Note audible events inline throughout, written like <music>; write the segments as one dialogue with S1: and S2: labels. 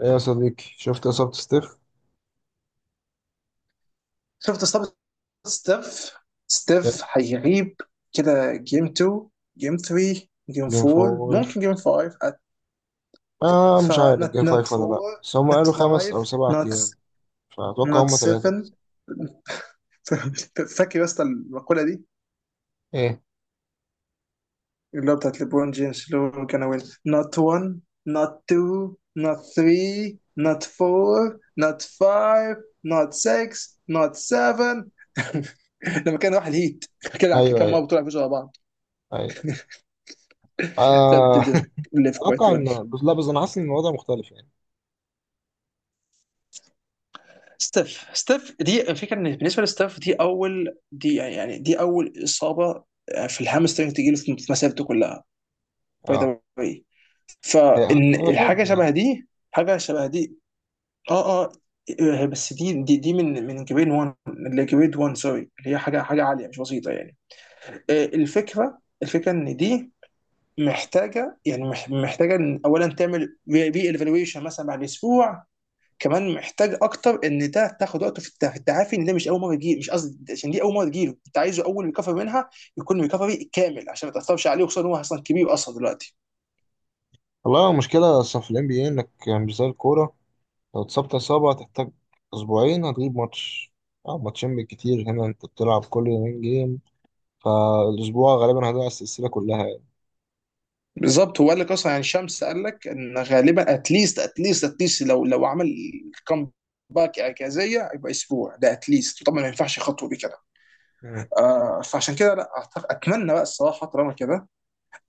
S1: ايه يا صديقي، شفت اصابة ستيف؟
S2: شفت اصابه ستيف. ستيف هيغيب كده جيم 2، جيم 3، جيم
S1: جيم
S2: 4،
S1: فور.
S2: ممكن جيم 5. ف
S1: مش عارف
S2: not
S1: جيم
S2: not
S1: فايف ولا لا،
S2: 4
S1: بس هم
S2: not
S1: قالوا خمس
S2: 5
S1: او سبع
S2: not
S1: ايام، فاتوقع
S2: not
S1: هم ثلاثة
S2: 7.
S1: بس.
S2: <laughs> فاكر يا اسطى المقوله دي
S1: ايه.
S2: اللي هو بتاعت ليبرون جيمس اللي هو كان وين not 1 not 2 not 3 not 4 not 5 not 6 not 7 <laughs> لما كان راح الهيت؟ كده كان
S1: ايوه
S2: كم
S1: ايوه
S2: مره بتقول على بعض؟
S1: ايوه
S2: تقدر
S1: آه
S2: تدير
S1: <laughs>
S2: ليف كويت
S1: اتوقع
S2: ويل.
S1: ان، بس لا، بس انا حاسس ان الوضع مختلف يعني.
S2: ستيف، ستيف دي الفكره ان بالنسبه لستيف دي اول، دي يعني دي اول اصابه، آه، في الهامسترنج تجيله في مسيرته كلها. باي
S1: اه.
S2: ذا واي،
S1: هي
S2: فان
S1: هو شد
S2: الحاجه شبه
S1: يعني.
S2: دي، حاجه شبه دي. اه اه. آه، بس دي من جريد 1، اللي جريد 1، سوري، اللي هي حاجه عاليه مش بسيطه يعني. آه، الفكره ان دي محتاجه يعني محتاجه إن اولا تعمل ري ايفالويشن مثلا بعد اسبوع. كمان محتاج اكتر ان ده تاخد وقته في في التعافي، ان ده مش اول مره تجيله، مش قصدي، عشان دي اول مره تجيله انت عايزه اول ريكفري منها يكون ريكفري كامل عشان ما تاثرش عليه، وخصوصا ان هو اصلا كبير اصلا دلوقتي.
S1: والله المشكلة اصلا في الام بي اي، انك مش زي الكورة. لو اتصبت اصابة هتحتاج اسبوعين، هتغيب ماتش. اه، ماتشين بالكتير. هنا انت بتلعب كل يومين جيم، فالاسبوع غالبا هيضيع السلسلة كلها
S2: بالظبط، هو قال لك اصلا يعني، شمس قال لك ان غالبا اتليست، اتليست، اتليست لو عمل كام باك اعجازيه يبقى اسبوع، ده اتليست طبعا. ما ينفعش خطوه دي كده.
S1: يعني.
S2: آه، فعشان كده لا أعتقد، اتمنى بقى الصراحه طالما كده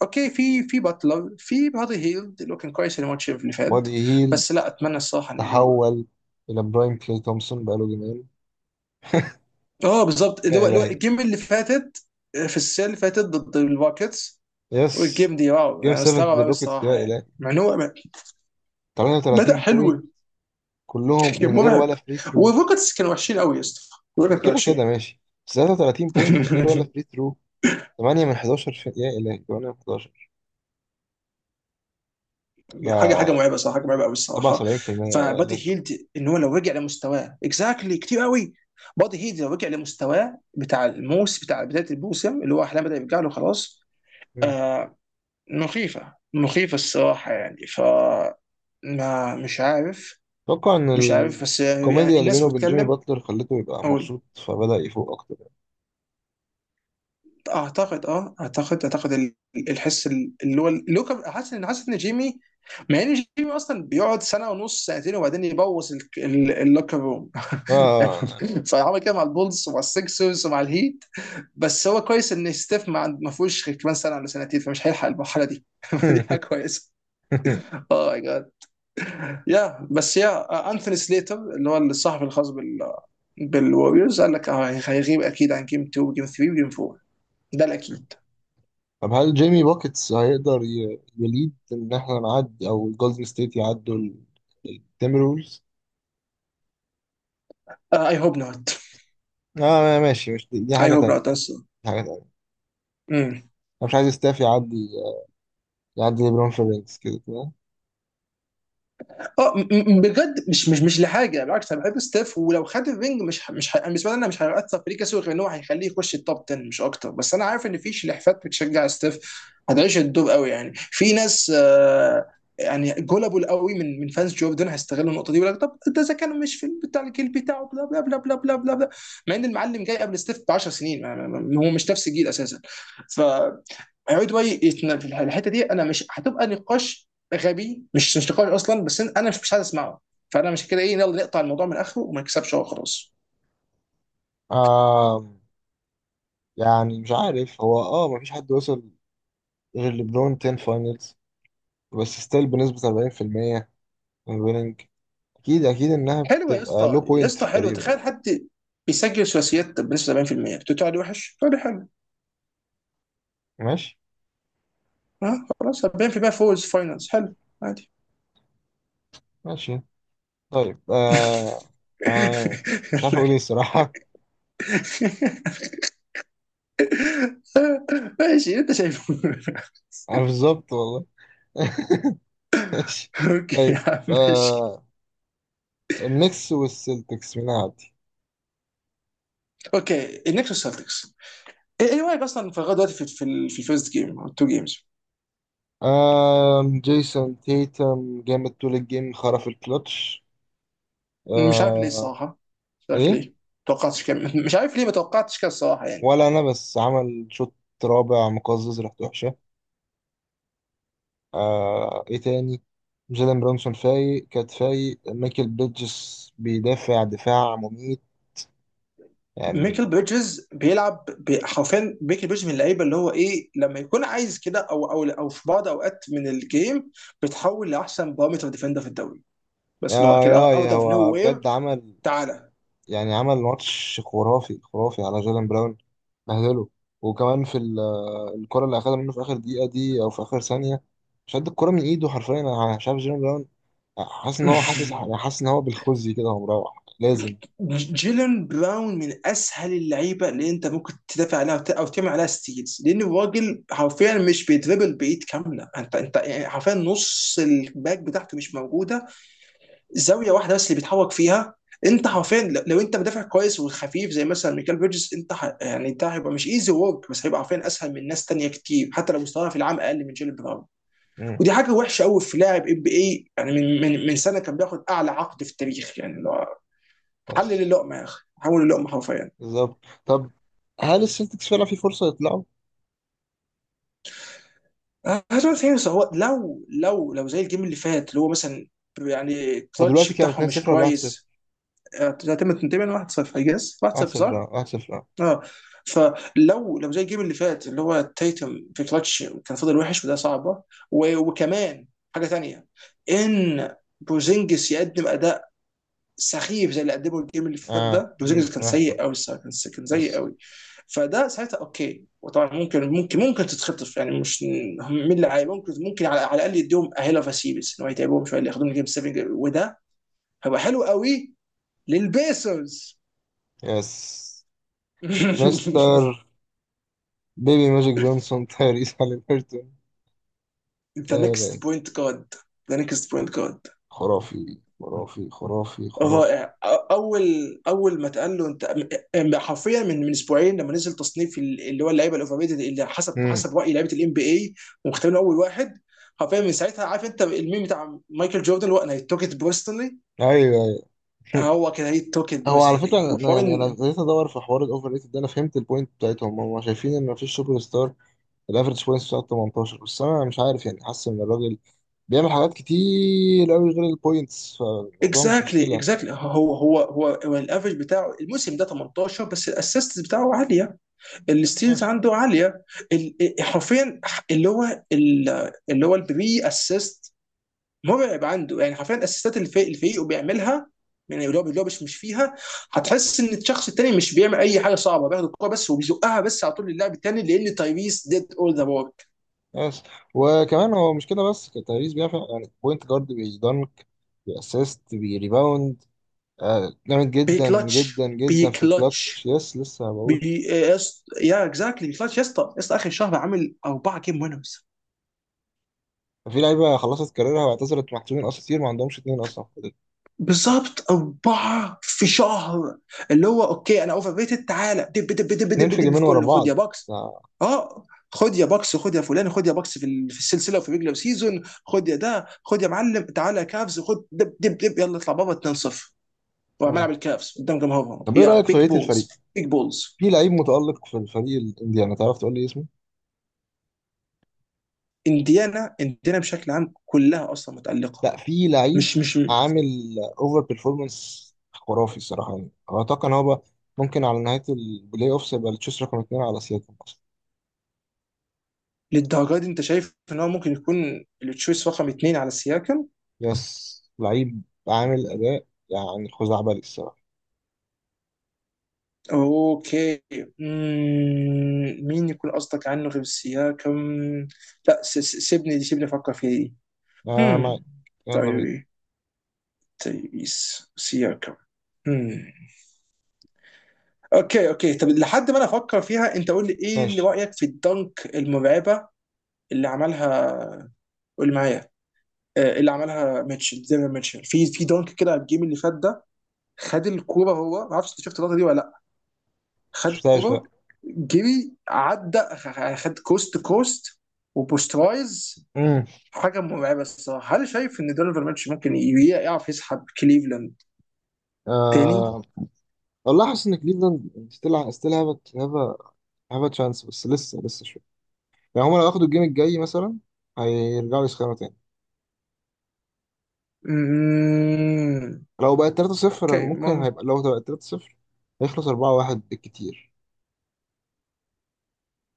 S2: اوكي، في باتلر، في بادي هيلد اللي هو كان كويس يعني الماتش اللي فات.
S1: بادي هيل
S2: بس لا، اتمنى الصراحه ان
S1: تحول إلى برايم كلي تومسون بقاله جيمين.
S2: اه بالظبط، اللي
S1: يا
S2: هو اللي هو
S1: إلهي.
S2: الجيم اللي فاتت، آه، في السنه اللي فاتت ضد الباكتس.
S1: يس.
S2: والجيم دي واو،
S1: جيم
S2: انا
S1: 7
S2: مستغرب
S1: ضد
S2: قوي
S1: الروكيتس، يا
S2: الصراحه يعني
S1: إلهي،
S2: مع ان هو بدا
S1: 33 بوينت
S2: حلو. <laughs>
S1: كلهم
S2: كان
S1: من غير
S2: مرعب.
S1: ولا فري ثرو.
S2: والروكتس كانوا وحشين قوي يا اسطى، الروكتس كانوا
S1: كده كده
S2: وحشين.
S1: ماشي، بس 33 بوينت من غير ولا
S2: <laughs>
S1: فري ثرو، 8 من 11 في... يا إلهي، 8 من 11
S2: حاجه
S1: ده.
S2: مرعبه صراحه، حاجه مرعبه قوي الصراحه.
S1: 77%، يا إلهي.
S2: فبادي هيلد ان هو لو رجع لمستواه اكزاكتلي كتير قوي. بادي هيلد لو رجع لمستواه بتاع الموس، بتاع بدايه الموسم اللي هو احلام، بدا يرجع له خلاص.
S1: مم.
S2: آه، مخيفة مخيفة الصراحة يعني. ف ما مش عارف.
S1: أتوقع إن
S2: مش عارف، بس يعني
S1: الكوميديا اللي بينه
S2: الناس
S1: وبين جيمي
S2: بتتكلم.
S1: باتلر خلته يبقى
S2: او
S1: مبسوط، فبدأ يفوق أكتر.
S2: اعتقد، اه، اعتقد الحس اللي هو حاسس ان، حاسس ان جيمي، مع ان جيمي اصلا بيقعد سنه ونص سنتين وبعدين يبوظ اللوكر روم.
S1: آه.
S2: <laughs> فعمل كده مع البولز ومع السكسرز ومع الهيت. بس هو كويس ان ستيف ما فيهوش غير كمان سنه ولا سنتين، فمش هيلحق المرحله دي. <laughs> دي حاجه كويسه.
S1: <laughs>
S2: اه، يا بس يا انثوني سليتر اللي هو الصحفي الخاص بالوريوز قال لك آه هيغيب اكيد عن جيم 2، جيم 3، وجيم 4. ده الاكيد.
S1: طب هل جيمي بوكيتس هيقدر يليد ان احنا نعدي، او الجولدن ستيت يعدوا التيمبرولز؟
S2: اي هوب نوت.
S1: اه ماشي، مش دي، دي
S2: اي
S1: حاجة
S2: هوب
S1: تانية.
S2: نوت.
S1: دي حاجة تانية. انا مش عايز ستاف يعدي، يعدي ليبرون في الرينجز كده كده.
S2: اه بجد مش لحاجه، بالعكس انا بحب ستيف، ولو خد الرينج مش ه- مش ه- بالنسبه لي انا مش هيأثر في ليه كسور، غير ان هو هيخليه يخش التوب 10 مش اكتر. بس انا عارف ان في شلحفات بتشجع ستيف هتعيش الدور قوي يعني، في ناس آه يعني جولابل قوي من فانز جوردن هيستغلوا النقطه دي ويقول لك طب ده اذا كان مش في بتاع الجيل بتاعه، بلا بلا بلا بلا بلا بلا بلا، مع ان المعلم جاي قبل ستيف ب 10 سنين. هو مش نفس الجيل اساسا. ف هيقعدوا بقى في الحته دي، انا مش هتبقى نقاش غبي، مش نقاش اصلا، بس انا مش عايز اسمعه. فانا مش كده، ايه، يلا نقطع الموضوع من اخره وما نكسبش، هو خلاص.
S1: آه. يعني مش عارف. هو اه، مفيش حد وصل غير ليبرون 10 فاينلز، بس ستيل بنسبة 40% ويننج. اكيد انها
S2: حلوه يا
S1: بتبقى لو
S2: اسطى، يا
S1: بوينت
S2: اسطى
S1: في
S2: حلوه،
S1: كاريره يعني.
S2: تخيل حد بيسجل ثلاثيات بنسبه 70% بتقول عليه وحش، تقول لي حلو.
S1: ماشي.
S2: ها، خلاص 40% فوز فاينلز حلو عادي.
S1: ماشي. طيب. آه. آه مش عارف اقول ايه الصراحة.
S2: <laughs> ماشي انت شايفه.
S1: <laughs> انا بالظبط والله. <laughs> ماشي.
S2: <laughs> اوكي يا
S1: طيب.
S2: عم ماشي.
S1: آه. النكس والسلتكس، مين عادي؟
S2: اوكي النكس والسلتكس. ايه، إيه رايك اصلا في لغايه دلوقتي في الفيرست جيم او التو جيمز؟
S1: آه، جيسون تيتم جامد طول الجيم، خرف الكلتش.
S2: مش عارف ليه
S1: آه.
S2: الصراحه. مش عارف
S1: ايه.
S2: ليه. توقعتش كم... مش عارف ليه ما توقعتش كده الصراحه يعني.
S1: ولا انا، بس عمل شوط رابع مقزز، ريحته وحشه. آه. ايه تاني؟ جيلن برونسون فايق، كات فايق، ميكل بيدجس بيدافع دفاع مميت يعني.
S2: ميكل بريدجز بيلعب حرفيا ميكل بريدجز من اللعيبه اللي هو ايه، لما يكون عايز كده او او في بعض اوقات من الجيم بتحول لاحسن بارامتر ديفندر في الدوري، بس
S1: يا
S2: اللي هو كده
S1: يا
S2: اوت اوف نو
S1: هو
S2: وير.
S1: بجد عمل،
S2: تعالى.
S1: يعني عمل ماتش خرافي خرافي على جيلان براون، بهدله. وكمان في الكرة اللي أخدها منه في آخر دقيقة دي، أو في آخر ثانية. شد الكرة من إيده حرفيا. أنا مش عارف جيلان براون، حاسس إن هو، حاسس يعني،
S2: <laughs>
S1: حاسس إن هو بالخزي كده وهو مروح لازم.
S2: جيلن براون من اسهل اللعيبه اللي انت ممكن تدافع عليها او تعمل عليها ستيلز، لان الراجل حرفيا مش بيدربل بايد كامله. انت يعني حرفيا نص الباك بتاعته مش موجوده. زاويه واحده بس اللي بيتحرك فيها. انت حرفيا لو انت مدافع كويس وخفيف زي مثلا ميكال بيرجز، انت ح... يعني انت هيبقى مش ايزي ورك، بس هيبقى عارفين اسهل من ناس تانية كتير حتى لو مستواها في العام اقل من جيل براون.
S1: مم.
S2: ودي حاجه وحشه قوي في لاعب ام بي اي يعني، من، من سنه كان بياخد اعلى عقد في التاريخ يعني. لو حلل
S1: بس
S2: اللقمه يا اخي، حول اللقمه حرفيا.
S1: بالظبط. طب هل السلتكس فعلا في فرصة يطلعوا؟
S2: هجوم ثاني. هو لو زي الجيم اللي فات اللي هو مثلا يعني
S1: هو
S2: الكلتش
S1: دلوقتي كام،
S2: بتاعهم مش
S1: 2-0 ولا 1-0؟
S2: كويس، هتم تنتهي 1-0. I guess 1-0
S1: 1-0،
S2: صح؟
S1: اه 1-0، اه.
S2: اه. فلو زي الجيم اللي فات اللي هو تايتم في كلتش كان فضل وحش، وده صعبه. وكمان حاجه تانية، ان بوزينجس يقدم اداء سخيف زي اللي قدمه الجيم اللي فات
S1: اه،
S2: ده. بوزينجس
S1: زينكس
S2: كان
S1: كان وحش
S2: سيء
S1: برضه.
S2: قوي الصراحه، كان سيء
S1: يس.
S2: قوي. فده ساعتها اوكي، وطبعا ممكن ممكن تتخطف يعني، مش مين اللي عايز، ممكن على، على الاقل يديهم اهيلا فاسيبس ان هو يتعبهم شويه، اللي ياخدوهم جيم 7 وده هيبقى حلو قوي للبيسرز.
S1: يس. مستر
S2: <laughs>
S1: بيبي ماجيك جونسون، تايريس هاليبرتون.
S2: ذا
S1: يا
S2: نيكست
S1: لا،
S2: بوينت جارد. ذا نيكست بوينت جارد.
S1: خرافي خرافي خرافي خرافي.
S2: رائع. اول، اول ما اتقال له انت حرفيا من، من اسبوعين لما نزل تصنيف اللي هو اللعيبه الاوفر ريتد اللي حسب،
S1: امم.
S2: حسب راي لعيبه الام بي اي، ومختارين اول واحد حرفيا. من ساعتها عارف انت الميم بتاع مايكل جوردن اللي هو انا توك ات بيرسونالي؟
S1: ايوه ايوه. <laughs>
S2: هو كده، هي توك ات
S1: هو على
S2: بيرسونالي
S1: فكره، انا
S2: وحوار.
S1: يعني انا ابتديت ادور في حوار الاوفر ريتد ده. انا فهمت البوينت بتاعتهم، هم شايفين ان مفيش سوبر ستار. الافرج بوينتس بتاعته 18 بس، انا مش عارف يعني، حاسس ان الراجل بيعمل حاجات كتير قوي غير البوينتس، فالموضوع مش
S2: اكزاكتلي
S1: مشكله.
S2: اكزاكتلي، هو الافرج بتاعه الموسم ده 18 بس، الاسيست بتاعه عاليه،
S1: يس.
S2: الستيلز عنده عاليه، إيه، حرفيا اللي هو اللي هو البري اسيست مرعب عنده يعني. حرفيا الاسيستات اللي الفريق الفريق بيعملها يعني، اللي هو مش فيها، هتحس ان الشخص التاني مش بيعمل اي حاجه صعبه، بياخد الكوره بس وبيزقها بس على طول للاعب التاني، لان تايريس ديد اول ذا ورك.
S1: يس. وكمان هو مش كده بس، تايريز بيعمل يعني بوينت جارد بيدنك، بيأسيست، بيريباوند. آه جامد جدا جدا
S2: بيكلتش
S1: جدا في الكلاتش.
S2: بيكلتش
S1: يس، لسه
S2: بي
S1: بقول.
S2: إيه، يا اكزاكتلي بيكلتش يا اسطى، يا اسطى اخر شهر عامل اربعه جيم وينرز.
S1: ففي لعيبه خلصت كاريرها واعتزلت، محسوبين اساطير، ما عندهمش اتنين اصلا في الفريق.
S2: بالظبط أربعة في شهر، اللي هو أوكي أنا أوفر ريتد، تعالى دب دب دب دب
S1: اتنين في
S2: دب في
S1: جيمين ورا
S2: كله، خد
S1: بعض.
S2: يا بوكس.
S1: ده-
S2: أه، خد يا بوكس، خد يا فلان، خد يا بوكس في في السلسلة وفي ريجلر سيزون، خد يا ده، خد يا معلم، تعالى يا كافز، خد دب دب دب، يلا اطلع بابا 2-0 وعمال
S1: مم.
S2: ألعب الكافز قدام جمهورهم
S1: طب ايه
S2: يا
S1: رايك في
S2: بيج
S1: بقيه الفريق؟
S2: بولز. بيج بولز.
S1: في لعيب متالق في الفريق الانديانا، تعرف تقول لي اسمه؟
S2: انديانا، انديانا بشكل عام كلها أصلا متألقة.
S1: لا، في لعيب
S2: مش
S1: عامل اوفر بيرفورمانس خرافي الصراحه، يعني اتوقع ان هو بقى ممكن على نهايه البلاي اوفس يبقى التشيس رقم اتنين على سياكم اصلا.
S2: للدرجة دي أنت شايف إن هو ممكن يكون التشويس رقم اثنين على السياكم؟
S1: يس، لعيب عامل اداء يعني خزعبلي الصراحه.
S2: اوكي. مم. مين يكون قصدك عنه غير سياكم؟ لا، سيبني، سيبني افكر في دي.
S1: آه معاك،
S2: هم.
S1: يلا بينا.
S2: تايري، تايريس سياكم. هم. اوكي اوكي، طب لحد ما انا افكر فيها انت قول لي، ايه اللي
S1: ماشي.
S2: رايك في الدنك المرعبه اللي عملها؟ قول معايا. آه، اللي عملها ميتشل زي ما ميتشل في دنك كده على الجيم اللي فات ده. خد الكوره، هو ما اعرفش انت شفت اللقطه دي ولا، خد
S1: مش لا.
S2: كوره، جري، عدى، خد كوست كوست وبوسترايز. حاجه مرعبه الصراحه. هل شايف ان دونيفان ماتش ممكن يعرف يسحب كليفلاند تاني؟
S1: امم. والله حاسس ان كليفلاند ستيل، ستيل هاف هاف تشانس، بس لسه شويه يعني. هما لو ياخدوا الجيم الجاي مثلا، هيرجعوا يسخنوا تاني.
S2: مم.
S1: لو بقت 3-0
S2: اوكي
S1: ممكن، هيبقى لو بقت 3-0 هيخلص 4-1 بالكتير.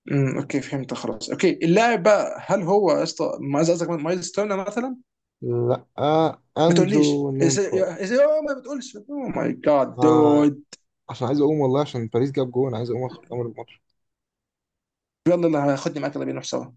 S2: مم. اوكي فهمت خلاص. اوكي، اللاعب بقى، هل هو يا اسطى، ما عايز، قصدك مايلز تيرنر مثلا؟
S1: لا. آه،
S2: ما تقوليش،
S1: اندرو
S2: ازاي
S1: نيمباي.
S2: ازاي ما بتقولش. او ماي جاد
S1: آه،
S2: دود.
S1: عشان عايز اقوم والله، عشان باريس جاب جون، عايز اقوم اخد امر الماتش.
S2: يلا يلا هاخدني معاك، يلا بينا نروح سوا.